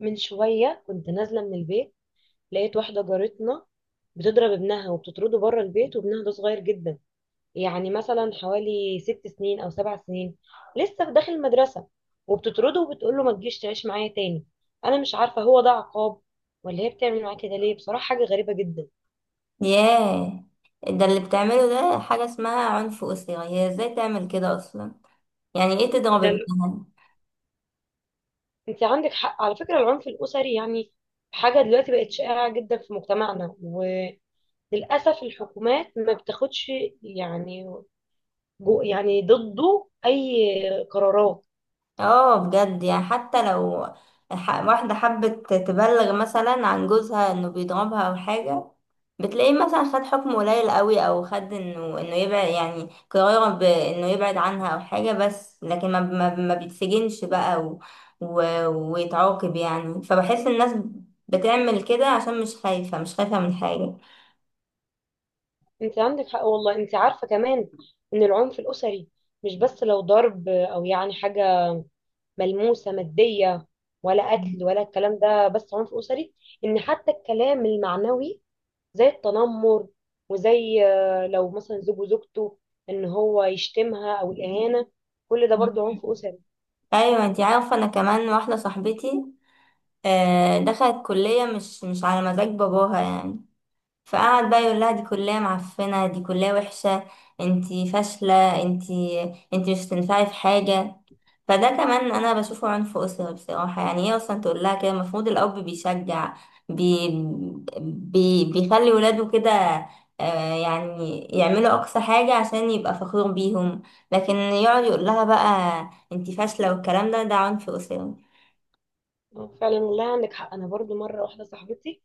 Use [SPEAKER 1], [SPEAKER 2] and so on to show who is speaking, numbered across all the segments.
[SPEAKER 1] من شوية كنت نازلة من البيت، لقيت واحدة جارتنا بتضرب ابنها وبتطرده بره البيت، وابنها ده صغير جدا، يعني مثلا حوالي 6 سنين أو 7 سنين، لسه في داخل المدرسة، وبتطرده وبتقول له ما تجيش تعيش معايا تاني. أنا مش عارفة هو ده عقاب ولا هي بتعمل معاه كده ليه، بصراحة حاجة غريبة جدا.
[SPEAKER 2] ياه، ده اللي بتعمله ده حاجة اسمها عنف أسري. هي ازاي تعمل كده أصلا؟ يعني ايه تضرب
[SPEAKER 1] ده ال-
[SPEAKER 2] ابنها؟
[SPEAKER 1] أنت عندك حق على فكرة، العنف الأسري يعني حاجة دلوقتي بقت شائعة جدا في مجتمعنا، وللأسف الحكومات ما بتاخدش، يعني، جو يعني ضده اي قرارات.
[SPEAKER 2] اه، بجد يعني حتى لو واحدة حبت تبلغ مثلا عن جوزها انه بيضربها أو حاجة، بتلاقيه مثلا خد حكم قليل قوي أو خد انه يبعد، يعني قرار بانه يبعد عنها أو حاجة، بس لكن ما بيتسجنش بقى و... و... ويتعاقب يعني. فبحس الناس بتعمل كده عشان مش خايفة من حاجة.
[SPEAKER 1] انت عندك حق والله، انت عارفه كمان ان العنف الاسري مش بس لو ضرب او يعني حاجه ملموسه ماديه، ولا قتل ولا الكلام ده، بس عنف اسري ان حتى الكلام المعنوي زي التنمر، وزي لو مثلا زوج وزوجته ان هو يشتمها او الاهانه، كل ده برضو عنف اسري.
[SPEAKER 2] ايوه انتي عارفه، انا كمان واحده صاحبتي دخلت كليه مش على مزاج باباها يعني، فقعد بقى يقول لها دي كليه معفنه، دي كليه وحشه، انتي فاشله، انتي مش هتنفعي في حاجه. فده كمان انا بشوفه عنف اسري بصراحه، يعني هي اصلا تقول لها كده؟ المفروض الاب بيشجع، بي بي بيخلي ولاده كده، يعني يعملوا اقصى حاجه عشان يبقى فخور بيهم، لكن يقعد يقول لها بقى انتي فاشله والكلام ده، ده عنف اسري.
[SPEAKER 1] فعلا والله عندك حق. انا برضو مره واحده صاحبتي،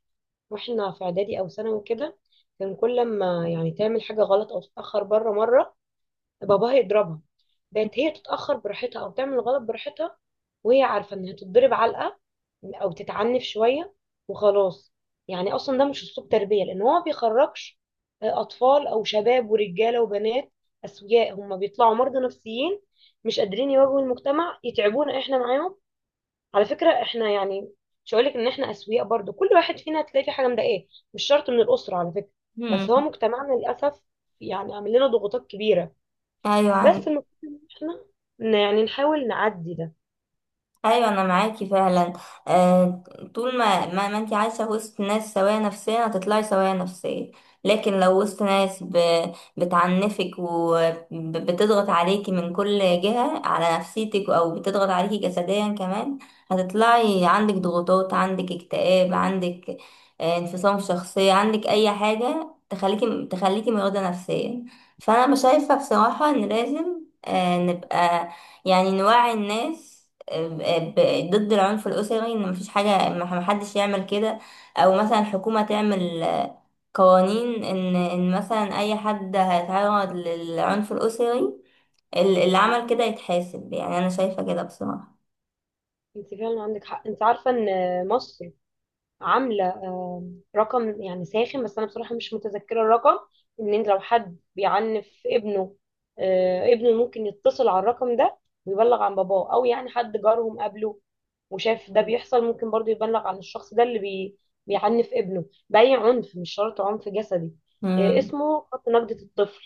[SPEAKER 1] واحنا في اعدادي او ثانوي كده، كان كل ما يعني تعمل حاجه غلط او تتاخر بره مره باباها يضربها. بقت هي تتاخر براحتها او تعمل غلط براحتها، وهي عارفه انها تتضرب علقه او تتعنف شويه وخلاص. يعني اصلا ده مش اسلوب تربيه، لان هو ما بيخرجش اطفال او شباب ورجاله وبنات اسوياء، هم بيطلعوا مرضى نفسيين، مش قادرين يواجهوا المجتمع، يتعبونا احنا معاهم. على فكرة احنا يعني مش هقولك ان احنا اسوياء، برضو كل واحد فينا هتلاقي فيه حاجة مضايقاه، مش شرط من الأسرة على فكرة.
[SPEAKER 2] مم.
[SPEAKER 1] بس هو مجتمعنا للأسف يعني عامل لنا ضغوطات كبيرة.
[SPEAKER 2] ايوه
[SPEAKER 1] بس
[SPEAKER 2] عندك.
[SPEAKER 1] المفروض ان احنا يعني نحاول نعدي ده.
[SPEAKER 2] ايوه انا معاكي فعلا. آه، طول ما انت عايشه وسط ناس سويه نفسيا هتطلعي سويه نفسيا، لكن لو وسط ناس بتعنفك وبتضغط عليكي من كل جهه على نفسيتك او بتضغط عليكي جسديا كمان، هتطلعي عندك ضغوطات، عندك اكتئاب، عندك آه انفصام في الشخصيه، عندك اي حاجه تخليكي مريضه نفسيا. فانا مش شايفه بصراحه ان لازم آه نبقى يعني نوعي الناس ضد العنف الأسري، إن مفيش حاجة، محدش يعمل كده، أو مثلا الحكومة تعمل آه، قوانين، إن مثلا أي حد هيتعرض للعنف الأسري اللي عمل كده يتحاسب. يعني أنا شايفة كده بصراحة.
[SPEAKER 1] انت فعلا عندك حق، انت عارفة ان مصر عامله رقم يعني ساخن، بس انا بصراحه مش متذكره الرقم. ان انت لو حد بيعنف ابنه، ابنه ممكن يتصل على الرقم ده ويبلغ عن باباه، او يعني حد جارهم قبله وشاف ده بيحصل ممكن برضو يبلغ عن الشخص ده اللي بيعنف ابنه بأي عنف، مش شرط عنف جسدي.
[SPEAKER 2] مم.
[SPEAKER 1] اسمه خط نجدة الطفل.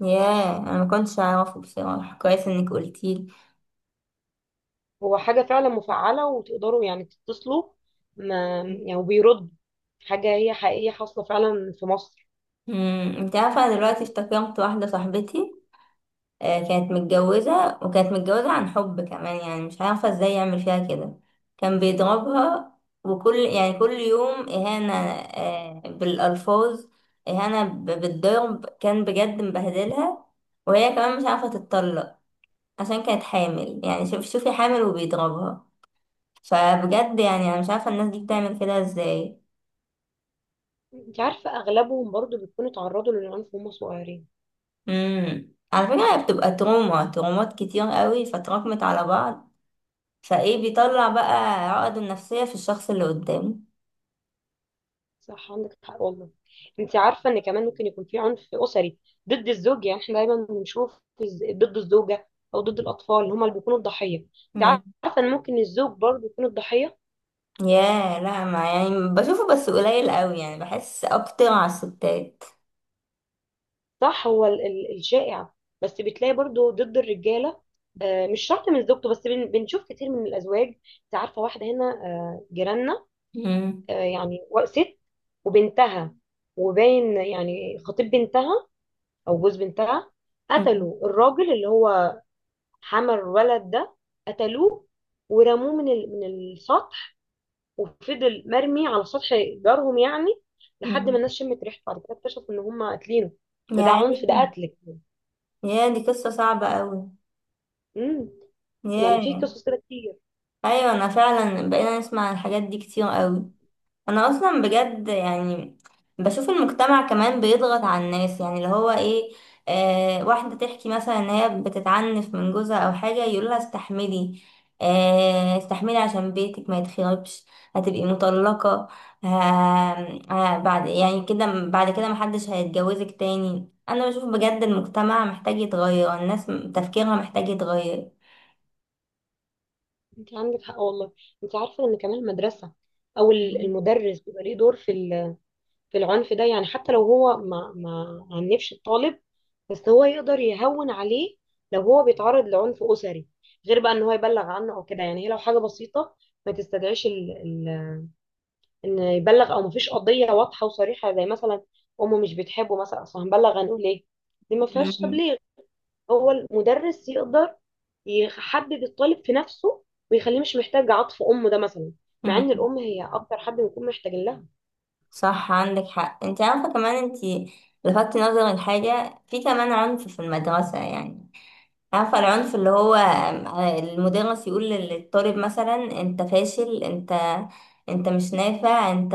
[SPEAKER 2] ياه، أنا ما كنتش أعرفه بصراحة، كويس إنك قلتيلي.
[SPEAKER 1] هو حاجة فعلا مفعلة وتقدروا يعني تتصلوا، ما يعني وبيرد، حاجة هي حقيقية حاصلة فعلا في مصر.
[SPEAKER 2] مم. أنت عارفة أنا دلوقتي افتكرت واحدة صاحبتي، كانت متجوزة، وكانت متجوزة عن حب كمان، يعني مش عارفة ازاي يعمل فيها كده، كان بيضربها، وكل يعني كل يوم إهانة آه، بالألفاظ، إهانة بالضرب، كان بجد مبهدلها، وهي كمان مش عارفة تتطلق عشان كانت حامل. يعني شوفي حامل وبيضربها. فبجد يعني أنا مش عارفة الناس دي بتعمل كده ازاي.
[SPEAKER 1] انت عارفة اغلبهم برضو بيكونوا اتعرضوا للعنف وهم صغيرين.
[SPEAKER 2] مم. على فكرة هي بتبقى ترومات كتير قوي فتراكمت على بعض، فايه بيطلع بقى عقده النفسية في الشخص اللي قدامه.
[SPEAKER 1] صح عندك حق والله. انت عارفة ان كمان ممكن يكون في عنف اسري ضد الزوج، يعني احنا دايما بنشوف ضد الزوجة او ضد الاطفال اللي هم اللي بيكونوا الضحية. انت
[SPEAKER 2] مم.
[SPEAKER 1] عارفة ان ممكن الزوج برضو يكون الضحية.
[SPEAKER 2] يا، لا، ما يعني بشوفه بس قليل قوي، يعني بحس اكتر على الستات.
[SPEAKER 1] صح، هو الشائع، بس بتلاقي برضو ضد الرجالة، مش شرط من زوجته، بس بنشوف كتير من الازواج. انت عارفة واحدة هنا جيراننا،
[SPEAKER 2] مم.
[SPEAKER 1] يعني ست وبنتها، وباين يعني خطيب بنتها او جوز بنتها،
[SPEAKER 2] مم.
[SPEAKER 1] قتلوا الراجل اللي هو حمل الولد ده. قتلوه ورموه من من السطح، وفضل مرمي على سطح جارهم يعني لحد ما
[SPEAKER 2] مم.
[SPEAKER 1] الناس شمت ريحته، بعد كده اكتشفوا ان هم قاتلينه. ده، ده
[SPEAKER 2] يعني،
[SPEAKER 1] عنف، ده قتل.
[SPEAKER 2] يا دي قصة صعبة قوي.
[SPEAKER 1] امم يعني
[SPEAKER 2] يا،
[SPEAKER 1] في قصص كده كتير.
[SPEAKER 2] ايوه انا فعلا بقينا نسمع الحاجات دي كتير قوي، انا اصلا بجد يعني بشوف المجتمع كمان بيضغط على الناس، يعني اللي هو ايه، آه واحدة تحكي مثلا ان هي بتتعنف من جوزها او حاجة يقولها استحملي، آه استحملي عشان بيتك ما يتخربش، هتبقي مطلقة، آه، آه بعد يعني كده بعد كده محدش هيتجوزك تاني. انا بشوف بجد المجتمع محتاج يتغير، الناس تفكيرها محتاج يتغير.
[SPEAKER 1] انت عندك حق والله. انت عارفه ان كمان المدرسه، او المدرس بيبقى ليه دور في في العنف ده، يعني حتى لو هو ما عنفش الطالب، بس هو يقدر يهون عليه لو هو بيتعرض لعنف أسري، غير بقى ان هو يبلغ عنه او كده. يعني هي لو حاجة بسيطة ما تستدعيش ان يبلغ، او مفيش قضية واضحة وصريحة زي مثلا امه مش بتحبه مثلا، اصل هنبلغ هنقول ايه؟ دي ما فيهاش
[SPEAKER 2] مم.
[SPEAKER 1] تبليغ. هو المدرس يقدر يحبب الطالب في نفسه، ويخليه مش محتاج عطف امه ده مثلا، مع
[SPEAKER 2] مم.
[SPEAKER 1] ان الام هي اكتر حد بيكون محتاج لها.
[SPEAKER 2] صح عندك حق، انت عارفة كمان انت لفتت نظر الحاجة، في كمان عنف في المدرسة يعني، عارفة العنف اللي هو المدرس يقول للطالب مثلا انت فاشل، انت انت مش نافع، انت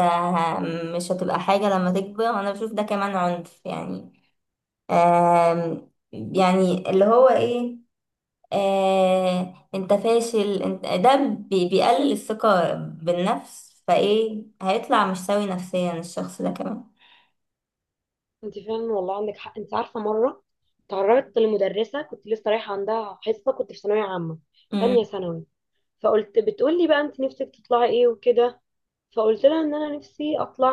[SPEAKER 2] مش هتبقى حاجة لما تكبر. انا بشوف ده كمان عنف يعني. يعني اللي هو ايه، آه، انت فاشل انت، ده بيقلل الثقة بالنفس، فايه هيطلع مش سوي نفسيا الشخص ده كمان.
[SPEAKER 1] انت فعلا والله عندك حق. انت عارفه مره تعرضت لمدرسه كنت لسه رايحه عندها حصه، كنت في ثانويه عامه تانية
[SPEAKER 2] امم
[SPEAKER 1] ثانوي، فقلت، بتقول لي بقى انت نفسك تطلعي ايه وكده، فقلت لها ان انا نفسي اطلع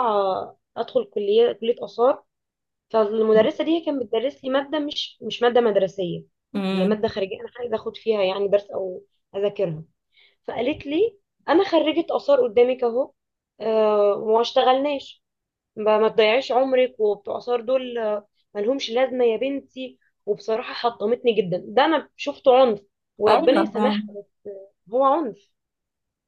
[SPEAKER 1] ادخل كليه، كليه اثار. فالمدرسه دي هي كانت بتدرس لي ماده مش ماده مدرسيه، هي
[SPEAKER 2] امم
[SPEAKER 1] ماده خارجيه انا عايزه اخد فيها يعني درس او اذاكرها. فقالت لي انا خريجه اثار قدامك اهو، آه وما اشتغلناش، ما تضيعيش عمرك وبتوع آثار دول ملهمش لازمة يا بنتي. وبصراحة حطمتني جدا، ده أنا شفته عنف وربنا
[SPEAKER 2] ايوه فعلا.
[SPEAKER 1] يسامحها، بس هو عنف.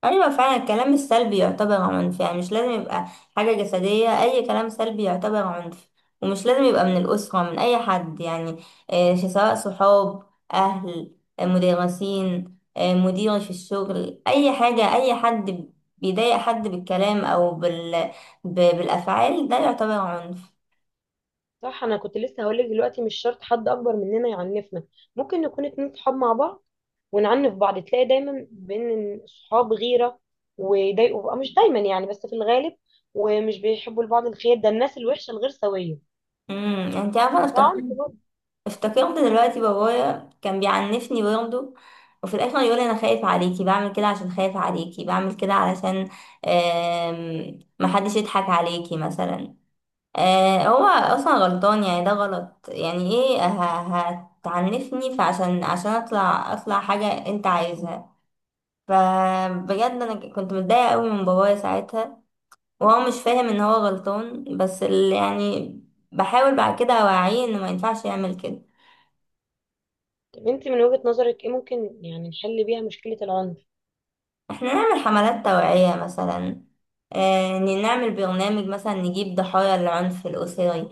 [SPEAKER 2] ايوه فعلا الكلام السلبي يعتبر عنف، يعني مش لازم يبقى حاجه جسديه، اي كلام سلبي يعتبر عنف، ومش لازم يبقى من الاسره، من اي حد يعني، آه، سواء صحاب، اهل، آه، مدرسين، آه، مدير في الشغل، اي حاجه، اي حد بيضايق حد بالكلام او بالافعال، ده يعتبر عنف.
[SPEAKER 1] صح، أنا كنت لسه هقولك دلوقتي مش شرط حد أكبر مننا يعنفنا، ممكن نكون اتنين صحاب مع بعض ونعنف بعض. تلاقي دايما بين الصحاب غيرة ويضايقوا بقى، مش دايما يعني، بس في الغالب، ومش بيحبوا لبعض الخير. ده الناس الوحشة الغير سوية،
[SPEAKER 2] انت عارفه انا
[SPEAKER 1] ده عنف برضه.
[SPEAKER 2] افتكرت دلوقتي بابايا كان بيعنفني برضه، وفي الاخر يقول انا خايف عليكي بعمل كده، عشان خايف عليكي بعمل كده علشان آم، محدش يضحك عليكي مثلا. آه، هو اصلا غلطان، يعني ده غلط، يعني ايه هتعنفني عشان اطلع حاجة انت عايزها؟ فبجد انا كنت متضايقة قوي من بابايا ساعتها، وهو مش فاهم ان هو غلطان، بس يعني بحاول بعد كده اوعيه انه ما ينفعش يعمل كده.
[SPEAKER 1] طب انت من وجهة نظرك ايه ممكن يعني نحل بيها مشكلة العنف؟
[SPEAKER 2] احنا نعمل حملات توعية مثلا، آه نعمل برنامج مثلا نجيب ضحايا العنف الأسري،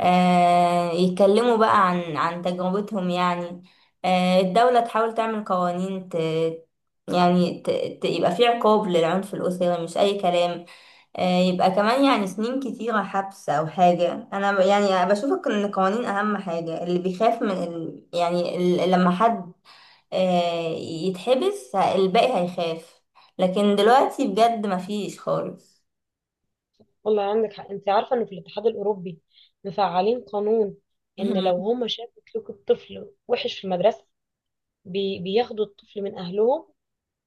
[SPEAKER 2] آه يتكلموا بقى عن تجربتهم يعني، آه الدولة تحاول تعمل قوانين، ت يعني ت ت يبقى في عقاب للعنف الأسري، مش أي كلام، آه يبقى كمان يعني سنين كتيرة حبس أو حاجة. أنا يعني بشوف إن القوانين أهم حاجة، اللي بيخاف من ال لما حد آه، يتحبس الباقي هيخاف، لكن دلوقتي بجد مفيش خالص.
[SPEAKER 1] والله عندك حق. انت عارفه انه في الاتحاد الاوروبي مفعلين قانون ان
[SPEAKER 2] مهم.
[SPEAKER 1] لو هم شافوا سلوك الطفل وحش في المدرسه، بياخدوا الطفل من اهلهم،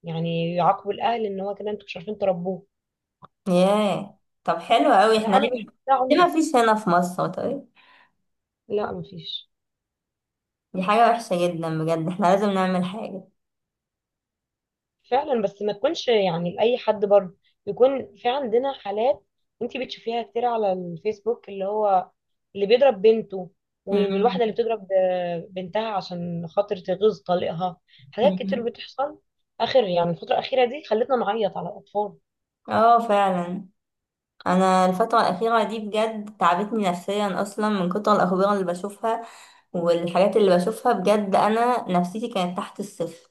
[SPEAKER 1] يعني يعاقبوا الاهل، ان هو كده انتوا مش عارفين تربوه.
[SPEAKER 2] ياه، طب حلو قوي،
[SPEAKER 1] لا
[SPEAKER 2] احنا
[SPEAKER 1] انا
[SPEAKER 2] ليه،
[SPEAKER 1] بشوف ده
[SPEAKER 2] ليه
[SPEAKER 1] عنف.
[SPEAKER 2] مفيش هنا في مصر طيب؟
[SPEAKER 1] لا مفيش.
[SPEAKER 2] دي حاجة وحشة جدا بجد، احنا لازم نعمل حاجة.
[SPEAKER 1] فعلا، بس ما تكونش يعني لأي حد برضه، يكون في عندنا حالات انت بتشوفيها كتير على الفيسبوك، اللي هو اللي بيضرب بنته،
[SPEAKER 2] مم.
[SPEAKER 1] والواحدة اللي بتضرب بنتها عشان خاطر تغيظ طليقها. حاجات كتير
[SPEAKER 2] مم.
[SPEAKER 1] بتحصل. آخر يعني الفترة الأخيرة دي خلتنا نعيط على الأطفال.
[SPEAKER 2] اه فعلا، انا الفترة الأخيرة دي بجد تعبتني نفسيا اصلا، من كتر الأخبار اللي بشوفها والحاجات اللي بشوفها، بجد انا نفسيتي كانت تحت الصفر.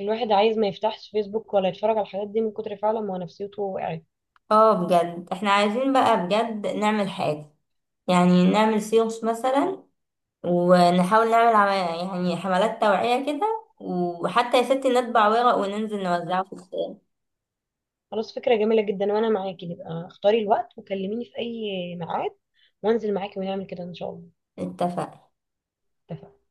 [SPEAKER 1] الواحد عايز ما يفتحش فيسبوك ولا يتفرج على الحاجات دي من كتر فعلا ما نفسيته وقعت.
[SPEAKER 2] اه بجد احنا عايزين بقى بجد نعمل حاجة، يعني نعمل سيوس مثلا، ونحاول نعمل يعني حملات توعية كده، وحتى يا ستي نطبع ورق وننزل نوزعه في الشارع.
[SPEAKER 1] خلاص فكرة جميلة جدا وأنا معاكي، نبقى اختاري الوقت وكلميني في أي ميعاد وانزل معاكي ونعمل كده إن شاء الله.
[SPEAKER 2] اتفق.
[SPEAKER 1] اتفقنا.